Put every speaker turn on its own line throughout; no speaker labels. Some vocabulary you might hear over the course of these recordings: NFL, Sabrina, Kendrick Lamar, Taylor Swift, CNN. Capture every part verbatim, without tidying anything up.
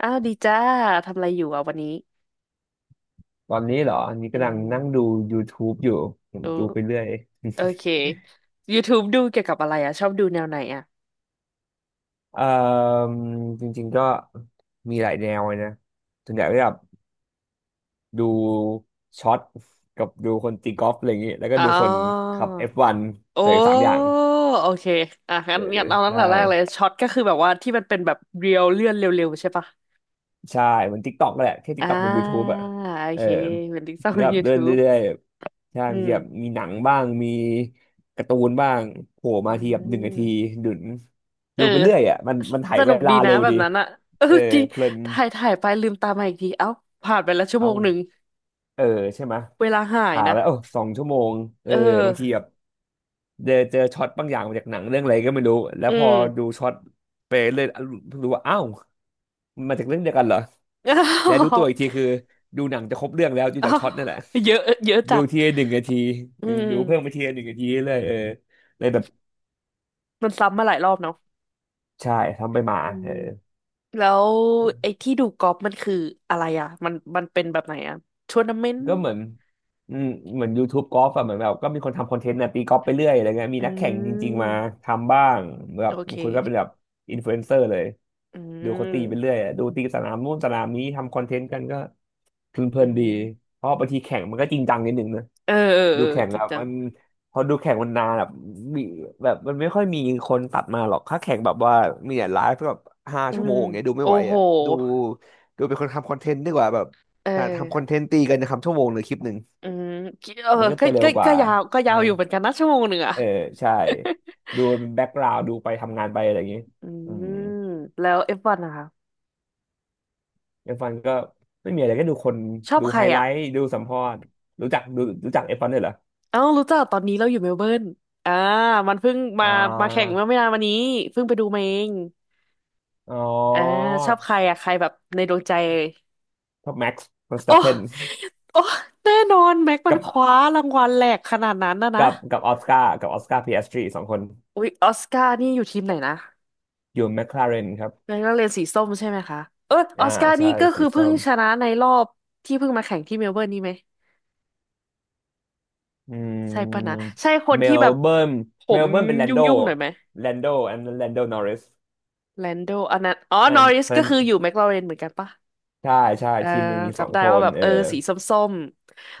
อ้าวดีจ้าทำอะไรอยู่อ่ะวันนี้
ตอนนี้เหรออันนี้
อื
กำลังนั่งดู
ม
YouTube อยู่ผม
ดู
ดูไปเรื่อย
โอเค YouTube ดูเกี่ยวกับอะไรอ่ะชอบดูแนวไหนอ่ะ
เอ่อจริงๆก็มีหลายแนวเลยนะส่วนใหญ่ก็แบบดูช็อตกับดูคนตีกอล์ฟอะไรอย่างงี้แล้วก็
อ๋อ
ดูคนขับ เอฟ วัน
โอ้
ใส่สามอย่าง
โอเคอ่ะงั้
เอ
น
อ
งั้นเอาตั้ง
ใช่
แต่แรกเลยช็อตก็คือแบบว่าที่มันเป็นแบบเรียวเลื่อนเร็วๆใช่ปะ
ใช่เหมือน TikTok แหละแค่
อ่
TikTok บน
า
YouTube อ่ะ
โอ
เออ
เคเป็นติ๊กต็อกเป็
ก็
น
แบบเลื่อน
YouTube
เรื่อยๆใช่
อื
บางทีแบบ
ม
มีหนังบ้างมีการ์ตูนบ้างโผล่
อื
มาทีแบบหนึ่งนาที
ม
ดุน
เอ
ดู
อ
ไปเรื่อยอ่ะมัน
ส
มันไถ
ส
เว
นุกดี
ลา
นะ
เร็ว
แบบ
ดี
นั้นอ่ะเออ
เออ
จริง
เพลิน
ถ่ายถ่ายไปลืมตามาอีกทีเอ้าผ่านไปแล้วชั่วโม
เอ้า
งหนึ่ง
เออใช่ไหมย
เวลาหาย
หา
นะ
แล้วเอ้าสองชั่วโมงเอ
เอ
อบางที
อ
แบบเจอเจอช็อตบางอย่างมาจากหนังเรื่องอะไรก็ไม่รู้แล้ว
อื
พอ
ม
ดูช็อตไปเรื่อยรู้ว่าอ้าวมันมาจากเรื่องเดียวกันเหรอแล้วดูตัวอีกที คือดูหนังจะครบเรื่องแล้วดู
อ้า
จาก
ว
ช็อตนั่นแหละ
อ้าวเยอะเยอะจั
ดู
ด
ทีละหนึ่งนาที
อื
อืมดูเพิ่มไป
ม
ทีละหนึ่งนาทีเรื่อยๆเออเลยแบบ
มันซ้ำมาหลายรอบเนาะ
ใช่ทำไปมา
อื
เอ
ม
อ
แล้วไอ้ที่ดูกอล์ฟมันคืออะไรอ่ะมันมันเป็นแบบไหนอ่ะทัวร์นาเมนต์
ก็เหมือนอืมเหมือน YouTube กอล์ฟอะเหมือนแบบก็มีคนทำคอนเทนต์นะตีกอล์ฟไปเรื่อยอะไรเงี้ยมี
อื
นักแข่งจริงๆมา
ม
ทำบ้างแบบ
โอเค
บางคนก็เป็นแบบอินฟลูเอนเซอร์เลย
อื
ดูเขาตีไปเรื่อย
ม
อะดูตีสนามนู่นสนามนี้ทำคอนเทนต์กันก็ เพลิ
อื
นๆดี
ม
เพราะบางทีแข่งมันก็จริงจังนิดนึงนะ
เออเออเอ
ดู
อ
แข่ง
จ
แบ
ริง
บ
จัง
มันพอดูแข่งมันนานแบบมีแบบมันไม่ค่อยมีคนตัดมาหรอกถ้าแข่งแบบว่ามีแต่ไลฟ์แบบห้า
อื
ชั่วโม
ม
งเงี้ยดูไม่
โอ้
ไหว
โห
อ่ะดูดูเป็นคนทำคอนเทนต์ดีกว่าแบบ
เอ
หา
อ
ทำคอนเทนต์ตีกันทำชั่วโมงหรือคลิปหนึ่ง
อืมเออ
มันก็
ก็
จะเร็
ก็
วก
ก็
ว่า
ยาวก็ยา
ใช่
วอยู่เหมือนกันนะชั่วโมงหนึ่งอ่ะ
เออใช่ดูเป็นแบ็กกราวด์ดูไปทำงานไปอะไรอย่างงี้
อื
อืม
มแล้วเอฟวันนะคะ
เอฟวันก็ไม่มีอะไรก็ดูคน
ชอบ
ดู
ใคร
ไฮไล
อ่ะ
ท์ดูสัมภาษณ์รู้จักดูรู้จักเอฟวันด้วยเหรอ
เอ้ารู้จักตอนนี้เราอยู่เมลเบิร์นอ่ามันเพิ่งมา
อ่
มาแข่ง
า
เมื่อไม่นานมานี้เพิ่งไปดูมาเอง
อ๋อ
อ่าชอบใครอ่ะใครแบบในดวงใจเลย
ท็อปแม็กซ์เวอร์ส
โอ้
ตัปเพน
โอ้แน่นอนแม็กมั
กั
น
บ
คว้ารางวัลแหลกขนาดนั้นนะนะ
กับกับออสการ์กับออสการ์พีเอสจีสองคน
อุ๊ยออสการ์นี่อยู่ทีมไหนนะ
อยู่แมคลาเรนครับ
แม็กนักเรียนสีส้มใช่ไหมคะเอออ
อ่า
อสการ์
ใช่
นี่ก็คื
สี
อเพิ่
ส้
ง
ม
ชนะในรอบที่เพิ่งมาแข่งที่เมลเบิร์นนี่ไหม
อื
ใช่ปะนะ
ม
ใช่คน
เม
ที่
ล
แบบ
เบิร์น
ผ
เม
ม
ลเบิร์นเป็นแลน
ยุ
โด
่งๆหน่อยไหม
แลนโดอันแลนโดนอริส
แลนโดอันนั้นอ๋อ
อั
นอ
น
ริส
ค
ก็
น
คืออยู่แมคลาเรนเหมือนกันปะ
ใช่ใช่
เออ
ทีมหนึ่งมีสอ
จำ
ง
ได้
ค
ว่า
น
แบบ
เอ
เอ
อ
อสีส้ม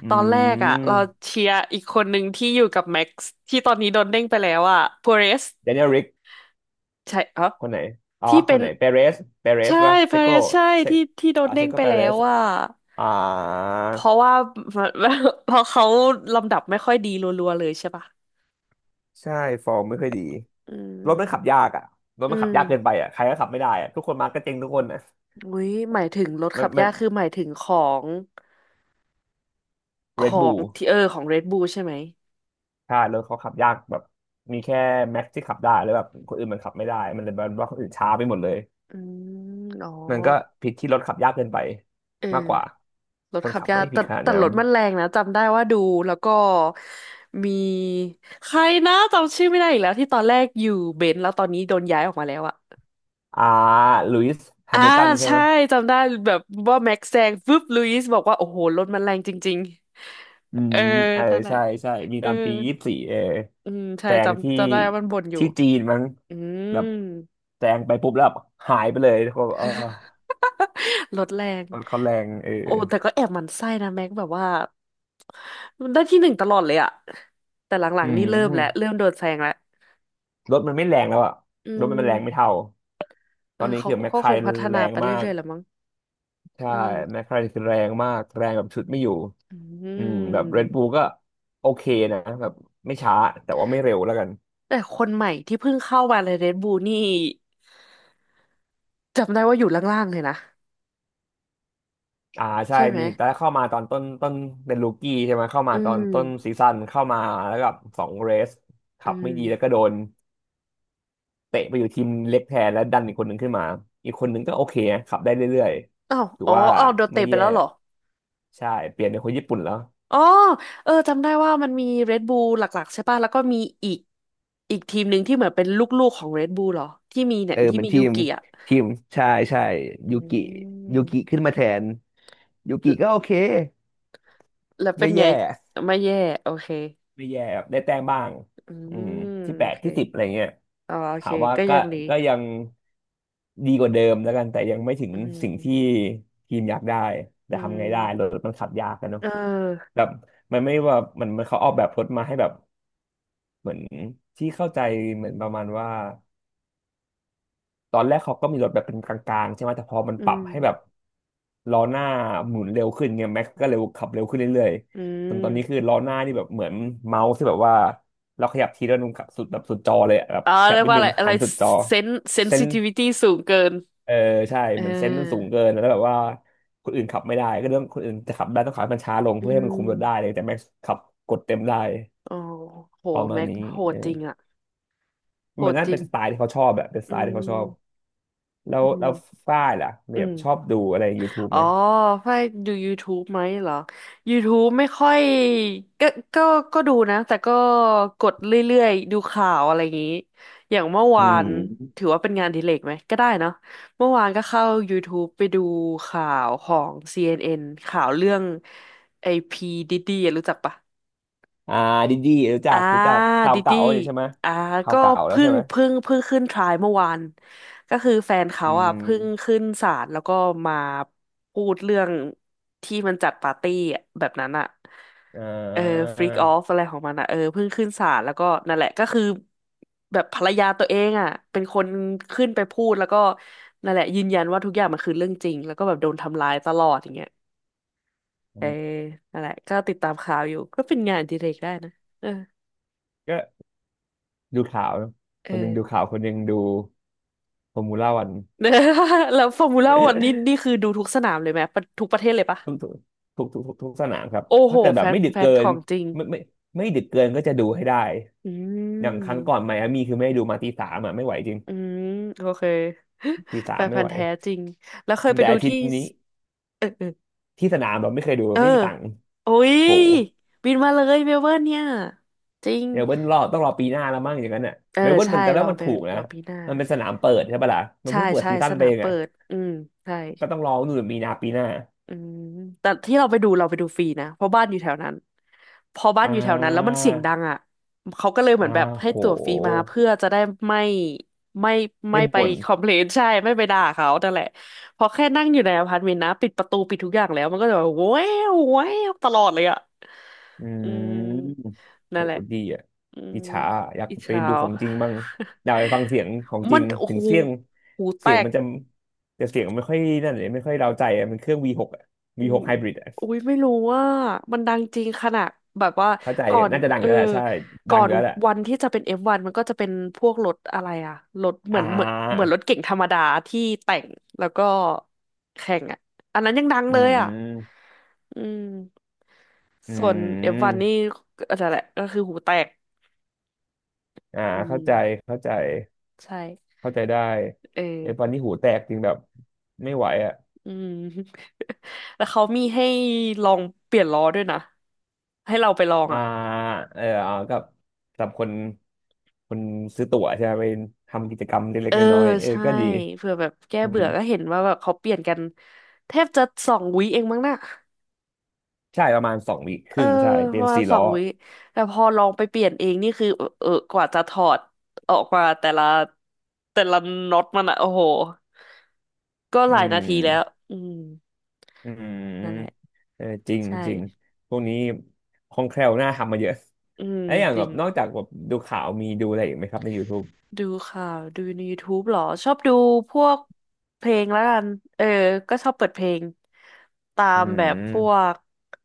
อื
ตอนแรกอ่ะเรา
ม
เชียร์อีกคนหนึ่งที่อยู่กับแม็กซ์ที่ตอนนี้โดนเด้งไปแล้วอ่ะพ r เรส
เดน i e ริก
ใช่เออ
คนไหนอ๋อ
ที่
ค
เป็
น
น
ไหนเปเรสเปเรส
ใช่
ป่ะ
พ
เช
r
โก
เรสใช่
เช
ที่ที่โดน
อ่า
เด้
เช
ง
โก
ไป
เป
แล้
เร
ว
ส
อ่ะ
อ่า
เพราะว่า เพราะเขาลำดับไม่ค่อยดีรัวๆเลยใช่ปะ
ใช่ฟอร์มไม่ค่อยดี
อื
รถมันขับ
ม
ยากอ่ะรถ
อื
มันขับ
ม
ยากเกินไปอ่ะใครก็ขับไม่ได้อ่ะทุกคนมาก็เจ๊งทุกคนอ่ะ
อุ้ยหมายถึงรถ
มั
ขั
น
บ
มั
ยา
น
กคือหมายถึงของข
เรด
อ
บู
ง
ล
ที่เออของ Red Bull ใช่ไหม
ใช่รถเขาขับยากแบบมีแค่แม็กที่ขับได้แล้วแบบคนอื่นมันขับไม่ได้มันเลยแบบว่าคนอื่นช้าไปหมดเลย
อืมอ๋อ
มันก็ผิดที่รถขับยากเกินไป
เออ
มากกว่า
รถ
คน
ขับ
ขับ
ยา
ไม่
ก
ได้ผิ
แต่
ดขนาด
แต่
นั้
ร
น
ถมันแรงนะจำได้ว่าดูแล้วก็มีใครนะจำชื่อไม่ได้อีกแล้วที่ตอนแรกอยู่เบนซ์แล้วตอนนี้โดนย้ายออกมาแล้วอะ
อ่าลุยส์แฮ
อ่า
มิลตันใช่ไห
ใช่
ม
จำได้แบบว่าแม็กซ์แซงฟึบลุยส์บอกว่าโอ้โหรถมันแรงจริง
อื
ๆเอ
ม
อ
เออ
นั่นแหละ
ใช่ใช่ มี
เออ
ตอนปียี่สิบสี่เออ
อืมใช่
แซงที่
จำจำได้ว่ามันบ่นอยู่
ที่จีนมั้ง
อืม
แบบแซงไปปุ๊บแล้วแบบหายไปเลยเขาเออ
ลดแรง
รถเขาแรงเออ
โอ้แต่ก็แอบหมั่นไส้นะแม็กแบบว่ามันได้ที่หนึ่งตลอดเลยอะแต่หลั
อื
งๆนี่
ม
เริ่มแล้วเริ่มโดนแซงแล้ว
รถมันไม่แรงแล้วอะ
อื
รถมันแรงไม่
ม
เท่าต
เอ
อน
อ
นี้
เขา
คือแมค
ก็
ไคร
คงพัฒ
แร
นา
ง
ไป
มาก
เรื่อยๆแหละมั้ง
ใช่
อื
แม
ม
คไคาคือแรงมากแรงแบบชุดไม่อยู่
อื
อืมแบบเรด
ม
บู l ก็โอเคนะแบบไม่ช้าแต่ว่าไม่เร็วแล้วกัน
แต่คนใหม่ที่เพิ่งเข้ามาในเรดบูนี่จำได้ว่าอยู่ล่างๆเลยนะ
อ่าใช่
ใช่ไหม
มีตอนแรกเข้ามาตอนต้นต้นเป็นลูกี้ใช่ไหมเข้ามา
อื
ตอน
ม
ต้นซีซั่นเข้ามาแล้วกับสองเรส
อื
ขับไม่
ม
ดีแล้วก็โดนเตะไปอยู่ทีมเล็กแทนแล้วดันอีกคนหนึ่งขึ้นมาอีกคนหนึ่งก็โอเคนะขับได้เรื่อย
อ้าว
ๆถือ
อ๋อ
ว่า
อ้าวโดนเตะ
ไม่
ไป
แย่
แล้วเหรอ
ใช่เปลี่ยนเป็นคนญี่ปุ่นแล้ว
อ๋อเออจำได้ว่ามันมี Red Bull หลักๆใช่ป่ะแล้วก็มีอีกอีกทีมหนึ่งที่เหมือนเป็นลูกๆของ Red Bull เหรอที่มีเนี่
เอ
ย
อ
ที่
เหมือน
มี
ที
ยู
ม
กิอ่ะ
ทีมใช่ใช่
อื
ยูกิยูกิ
ม
ขึ้นมาแทนยู
แล
กิ
ว
ก็โอเค
แล้วเป็
ไม่
นไง
แย่
ไม่แย่โอเค
ไม่แย่ครับได้แต้มบ้าง
อื
อืม
ม
ที่แป
โอ
ด
เค
ที่สิบอะไรเงี้ย
อ๋อโอเค
ถามว่า
ก็
ก็
ยังดี
ก็ยัง ดีกว่าเดิมแล้วกันแต่ยังไม่ถึง
อื
สิ่งที่
ม
ทีมอยากได้
อื
แต่ทำไงได้ร
ม
ถมันขับยากกันเนาะ
เออ
แบบมันไม่ว่ามันมันเขาออกแบบรถมาให้แบบเหมือนที่เข้าใจเหมือนประมาณว่าตอนแรกเขาก็มีรถแบบเป็นกลางๆใช่ไหมแต่พอมัน
อื
ปรับ
ม
ให้แบบล้อหน้าหมุนเร็วขึ้นเงี้ยแม็กก็เร็วขับเร็วขึ้นเรื่อย
อื
ๆจนตอนนี้คือ
ม
ล้อหน้านี่แบบเหมือนเมาส์ที่แบบว่าเราขยับทีละนุ่มกับสุดแบบสุดจอเลยอะแบบ
อ๋อ
ขยั
เรี
บ
ยก
ไป
ว่า
ห
อะ
นึ่
ไร
ง
อะ
หั
ไร
นสุดจอ
เซนเซน
เส้
ซิ
น
ทิวิตี้สูงเกิน
เออใช่
เ
เหมือนเซนส์มันสูง
ออ
เกินแล้วแบบว่าคนอื่นขับไม่ได้ก็เรื่องคนอื่นจะขับได้ต้องขับให้มันช้าลง
อื
เพื่อให้มันคุมรถได้เล
ม
ยแต่แม็กซ์ขับกดเต็มได้
โอ้โห
ประมาณ
แม็ก
นี้
โห
เอ
ด
อ
จริงอะโห
มัน
ด
น่า
จริ
เป็น
ง
สไตล์ที่เขาชอบแบบเป็นส
อื
ไตล์ที่เขาชอบ
ม
แล้
อื
วแล้
ม
วฝ้ายล่ะ
อื
เนี่ย
ม
ชอบดูอะไร YouTube
อ๋อ
ไหม
ไฟดู YouTube ไหมเหรอ YouTube ไม่ค่อยก็ก็ก็ดูนะ แต่ก็กดเรื่อยๆดูข่าวอะไรอย่างนี้ อย่างเมื่อ
อื
วาน
ม
ถือว่าเป็นงานอดิเรกไหม ก็ได้เนาะเมื่อวานก็เข้า YouTube ไปดูข่าวของ ซี เอ็น เอ็น ข่าวเรื่องไอพีดิดดี้รู้จักปะ
อ่าดีดีรู้จั
อ่า
กรู้จักข่าว
ดิ
เก่า
ดี้
นี่ใช่ไหม
อ่า
ข่าว
ก็
เก่าแล้ว
เพิ่
ใช่
ง
ไหม
เพิ่งเพิ่งขึ้นทรายเมื่อวานก็คือแฟนเขา
อื
อ่ะเพิ่ง
ม
ขึ้นศาลแล้วก็มาพูดเรื่องที่มันจัดปาร์ตี้อะแบบนั้นอ่ะ
อ่
เออ
า
ฟรีกออฟอะไรของมันอ่ะเออเพิ่งขึ้นศาลแล้วก็นั่นแหละก็คือแบบภรรยาตัวเองอ่ะเป็นคนขึ้นไปพูดแล้วก็นั่นแหละยืนยันว่าทุกอย่างมันคือเรื่องจริงแล้วก็แบบโดนทำร้ายตลอดอย่างเงี้ยเออนั่นแหละก็ติดตามข่าวอยู่ก็เป็นงานอดิเรกได้นะเออ
ก็ดูข่าวเนอะ
เอ
ค
อ
นหนึ่งดูข่าวคนหนึ่งดูฟอร์มูล่าวัน
เนอะ แล้วฟอร์มูล่าวันนี้นี่คือดูทุกสนามเลยไหมปะทุกประเทศเลยปะ
ทุกทุกทุกทุกทุกทุกสนามครับ
โอ้โห
ถ้าเกิดแบ
แฟ
บ
น
ไม่ดึก
แฟ
เกิ
นข
น
องจริง
ไม่ไม่ไม่ดึกเกินก็จะดูให้ได้
อื
อย่างครั้งก่อน
ม
ไมอามี่คือไม่ได้ดูมาตีสามอ่ะไม่ไหวจริง
อืมโอเค
ตี สา
แฟ
ม
น
ไม่
พัน
ไหว
ธุ์แท้จริงแล้วเคยไป
แต่
ดู
อาทิต
ที่
ย์
ส
นี้
เออเออ
ที่สนามเราไม่เคยดู
เออ
ไม่มีตังค์
โอ้ย
โห
บินมาเลยเมลเบิร์นเนี่ยจริง
เมลเบิร์นรอต้องรอปีหน้าแล้วมั้งอย่างนั้นอ่ะ
เออ
เมลเบิร์น
ใช่
มันแต่แล้
ร
ว
อ
มัน
ไป
ถูกนะ
รอปีหน้า
มันเป็นสนามเปิดใช่ปะล่ะมัน
ใช่
เพิ่งเปิด
ใช่
ซีซั่
ส
นไป
นาม
เอง
เปิ
อ่ะ
ดอืมใช่
ก็ต้องรอนู่นมีนาปีหน้า
อืมแต่ที่เราไปดูเราไปดูฟรีนะเพราะบ้านอยู่แถวนั้นพอบ้าน
อ่
อยู่แถวนั้นแล้วมัน
า
เสียงดังอ่ะเขาก็เลยเหมื
อ่า
อนแบบให้
โห
ตั๋วฟรีมาเพื่อจะได้ไม่ไม่ไม่
ไม่
ไป
บ่น
คอมเพลน ใช่ไม่ไปด่าเขานั่นแหละพอแค่นั่งอยู่ในอพาร์ตเมนต์นะปิดประตูปิดทุกอย่างแล้วมันก็จะแบบแว้าวแว้าวตลอดเลยอ่ะ
อื
อื
ม
ม
โห
นั่นแหละ
ดีอ่ะ
อื
อิ
ม
จฉาอะอยาก
อี
ไป
เช้า
ดูของจริงบ้างอยากไปฟังเสียงของ จ
มั
ริ
น
ง
โอ้
ถึ
โห
งเสียง
หูแต
เสียง
ก
มันจะแต่เสียงมันไม่ค่อยนั่นเลยไม่ค่อยเราใจอะมันเครื่อง วีหก อ่ะ
อื
วีห
ม
กไฮบริด
อุ้
อ่ะ
ยไม่รู้ว่ามันดังจริงขนาดแบบว่า
เข้าใจ
ก่อน
น่าจะดัง
เอ
อ
อ
ยู่แล้วแหละใช่ดั
ก่อ
งอ
น
ยู่แล้วแหละ
วันที่จะเป็น เอฟวัน มันก็จะเป็นพวกรถอะไรอะรถเห
อ่
มือนเหมือนเหมือน
า
รถเก๋งธรรมดาที่แต่งแล้วก็แข่งอะอันนั้นยังดัง
อื
เลยอะ
ม
อืม
อื
ส่วน เอฟวัน นนี่
ม
ก็นั่นแหละก็คือหูแตก
อ่า
อื
เข้า
ม
ใจเข้าใจ
ใช่
เข้าใจได้
เออ
ไอ้ตอนนี้หูแตกจริงแบบไม่ไหวอ่ะ
อืม แล้วเขามีให้ลองเปลี่ยนล้อด้วยนะให้เราไปลอง
อ่า
อ่ะ
เออเอาก็สำหรับคนคนซื้อตั๋วใช่ไหมไปทำกิจกรรมเล็
เอ
ก
อ
ๆน้อยๆเออ
ใช่
ก็ดี
เผื่อแบบแก้
อื
เบื่
ม
อก็เห็นว่าแบบเขาเปลี่ยนกันแทบจะสองวิเองมั้งน่ะ
ใช่ประมาณสองวีคค
เออ
รึ่งใช่
ป
เป็น
ระมาณ
สี่
ส
ล้
อ
อ
งวิแต่พอลองไปเปลี่ยนเองนี่คือเออกว่าจะถอดออกมาแต่ละแต่ละน็อตมันอะโอ้โหก็ห
อื
ลายนาทีแล้ว
ม
อืม
อื
นั่นแหละ
มเออจริง
ใช่
จริงพวกนี้คล่องแคล่วน่าทำมาเยอะ
อืม
แล้วอย่าง
จ
แบ
ริ
บ
ง
นอกจากแบบดูข่าวมีดูอะไรอีกไหมครับใน YouTube
ดูข่าวดูใน YouTube เหรอชอบดูพวกเพลงแล้วกันเออก็ชอบเปิดเพลงตา
อื
มแบบพว
ม
ก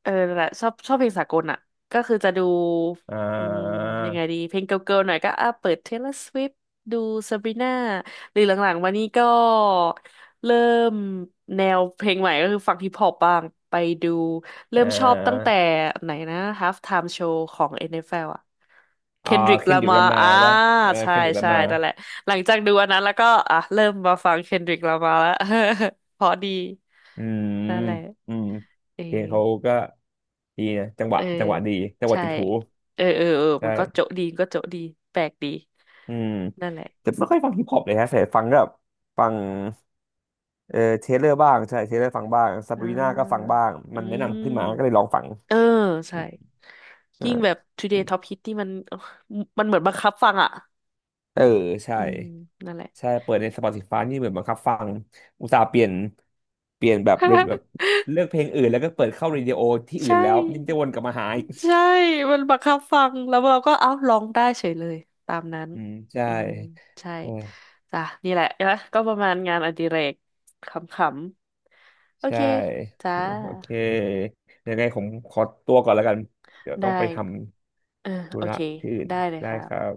เออนั่นแหละชอบชอบเพลงสากลอ่ะก็คือจะดู
อ่
อืม
า
ยังไงดีเพลงเกิร์ลๆหน่อยก็อ่ะเปิด Taylor Swift ดู Sabrina หรือหลังๆมานี้ก็เริ่มแนวเพลงใหม่ก็คือฟังฮิปฮอปบ้างไปดู เริ่
เอ่
มชอบตั้งแต่
อ
ไหนนะ Half Time Show ของ เอ็น เอฟ แอล อนเอฟแอลอ่ะ
อ่า
Kendrick
เคนดิรา
Lamar
มา
อ่า
ป่ะเออ
ใช่
เคนดิรา
ใช่
มา
นั่นแหละหลังจากดูอันนั้นแล้วก็อ่ะเริ่มมาฟัง Kendrick Lamar แล้ว เพราะดี
อืม
นั่นแหละ
อืม
เออ
เพลงเขาก็ ดีนะจังห
เอ
วะ
อ
จังหวะดีจังหวะ
ใช่
ติดหู
เออเออเออ
ได
มันก็
้
โจ๊ะดีก็โจ๊ะดีแปลกดี
อืม
นั่นแหละ
แต่ไม่ค่อยฟังฮิปฮอปเลยฮะแต่ฟังก็แบบฟังเออเทเลอร์บ้างใช่เทเลอร์ฟังบ้างซา
อ่
บรีนาก็ฟัง
า
บ้าง
อื
มันแนะ
ม
นำขึ้นมาก็เลยลองฟัง
เออใช่
ใช่
ยิ่งแบบ
อื
Today
ม
Top Hit ที่มันมันเหมือนบังคับฟังอ่ะ
เออใช่
อืมนั่นแหละ
ใช่เปิดใน Spotify นี่เหมือนบังคับฟังอุตส่าห์เปลี่ยนเปลี่ยนแบบเรทแบบ เลือกเพลงอื่นแล้วก็เปิดเข้าเรดิโอที่อื่
ใช่
นแล้วยังจะวนกลับมาหาอีก
ใช่ มันบังคับฟังแล้วเราก็เอ้าร้องได้เฉยเลยตามนั้น
อืมใช่
อืมใช่จ้ะนี่แหละนะก็ประมาณงานอดิเรกขำๆโอ
ใช
เค
่
จ้า
โอเคยังไงผมขอตัวก่อนแล้วกันเดี๋ยวต้
ได้
องไปทำ
เออ
ธุ
โอ
ระ
เค
ที่อื่น
ได้เลย
ได้ครั
ค่ะ
บ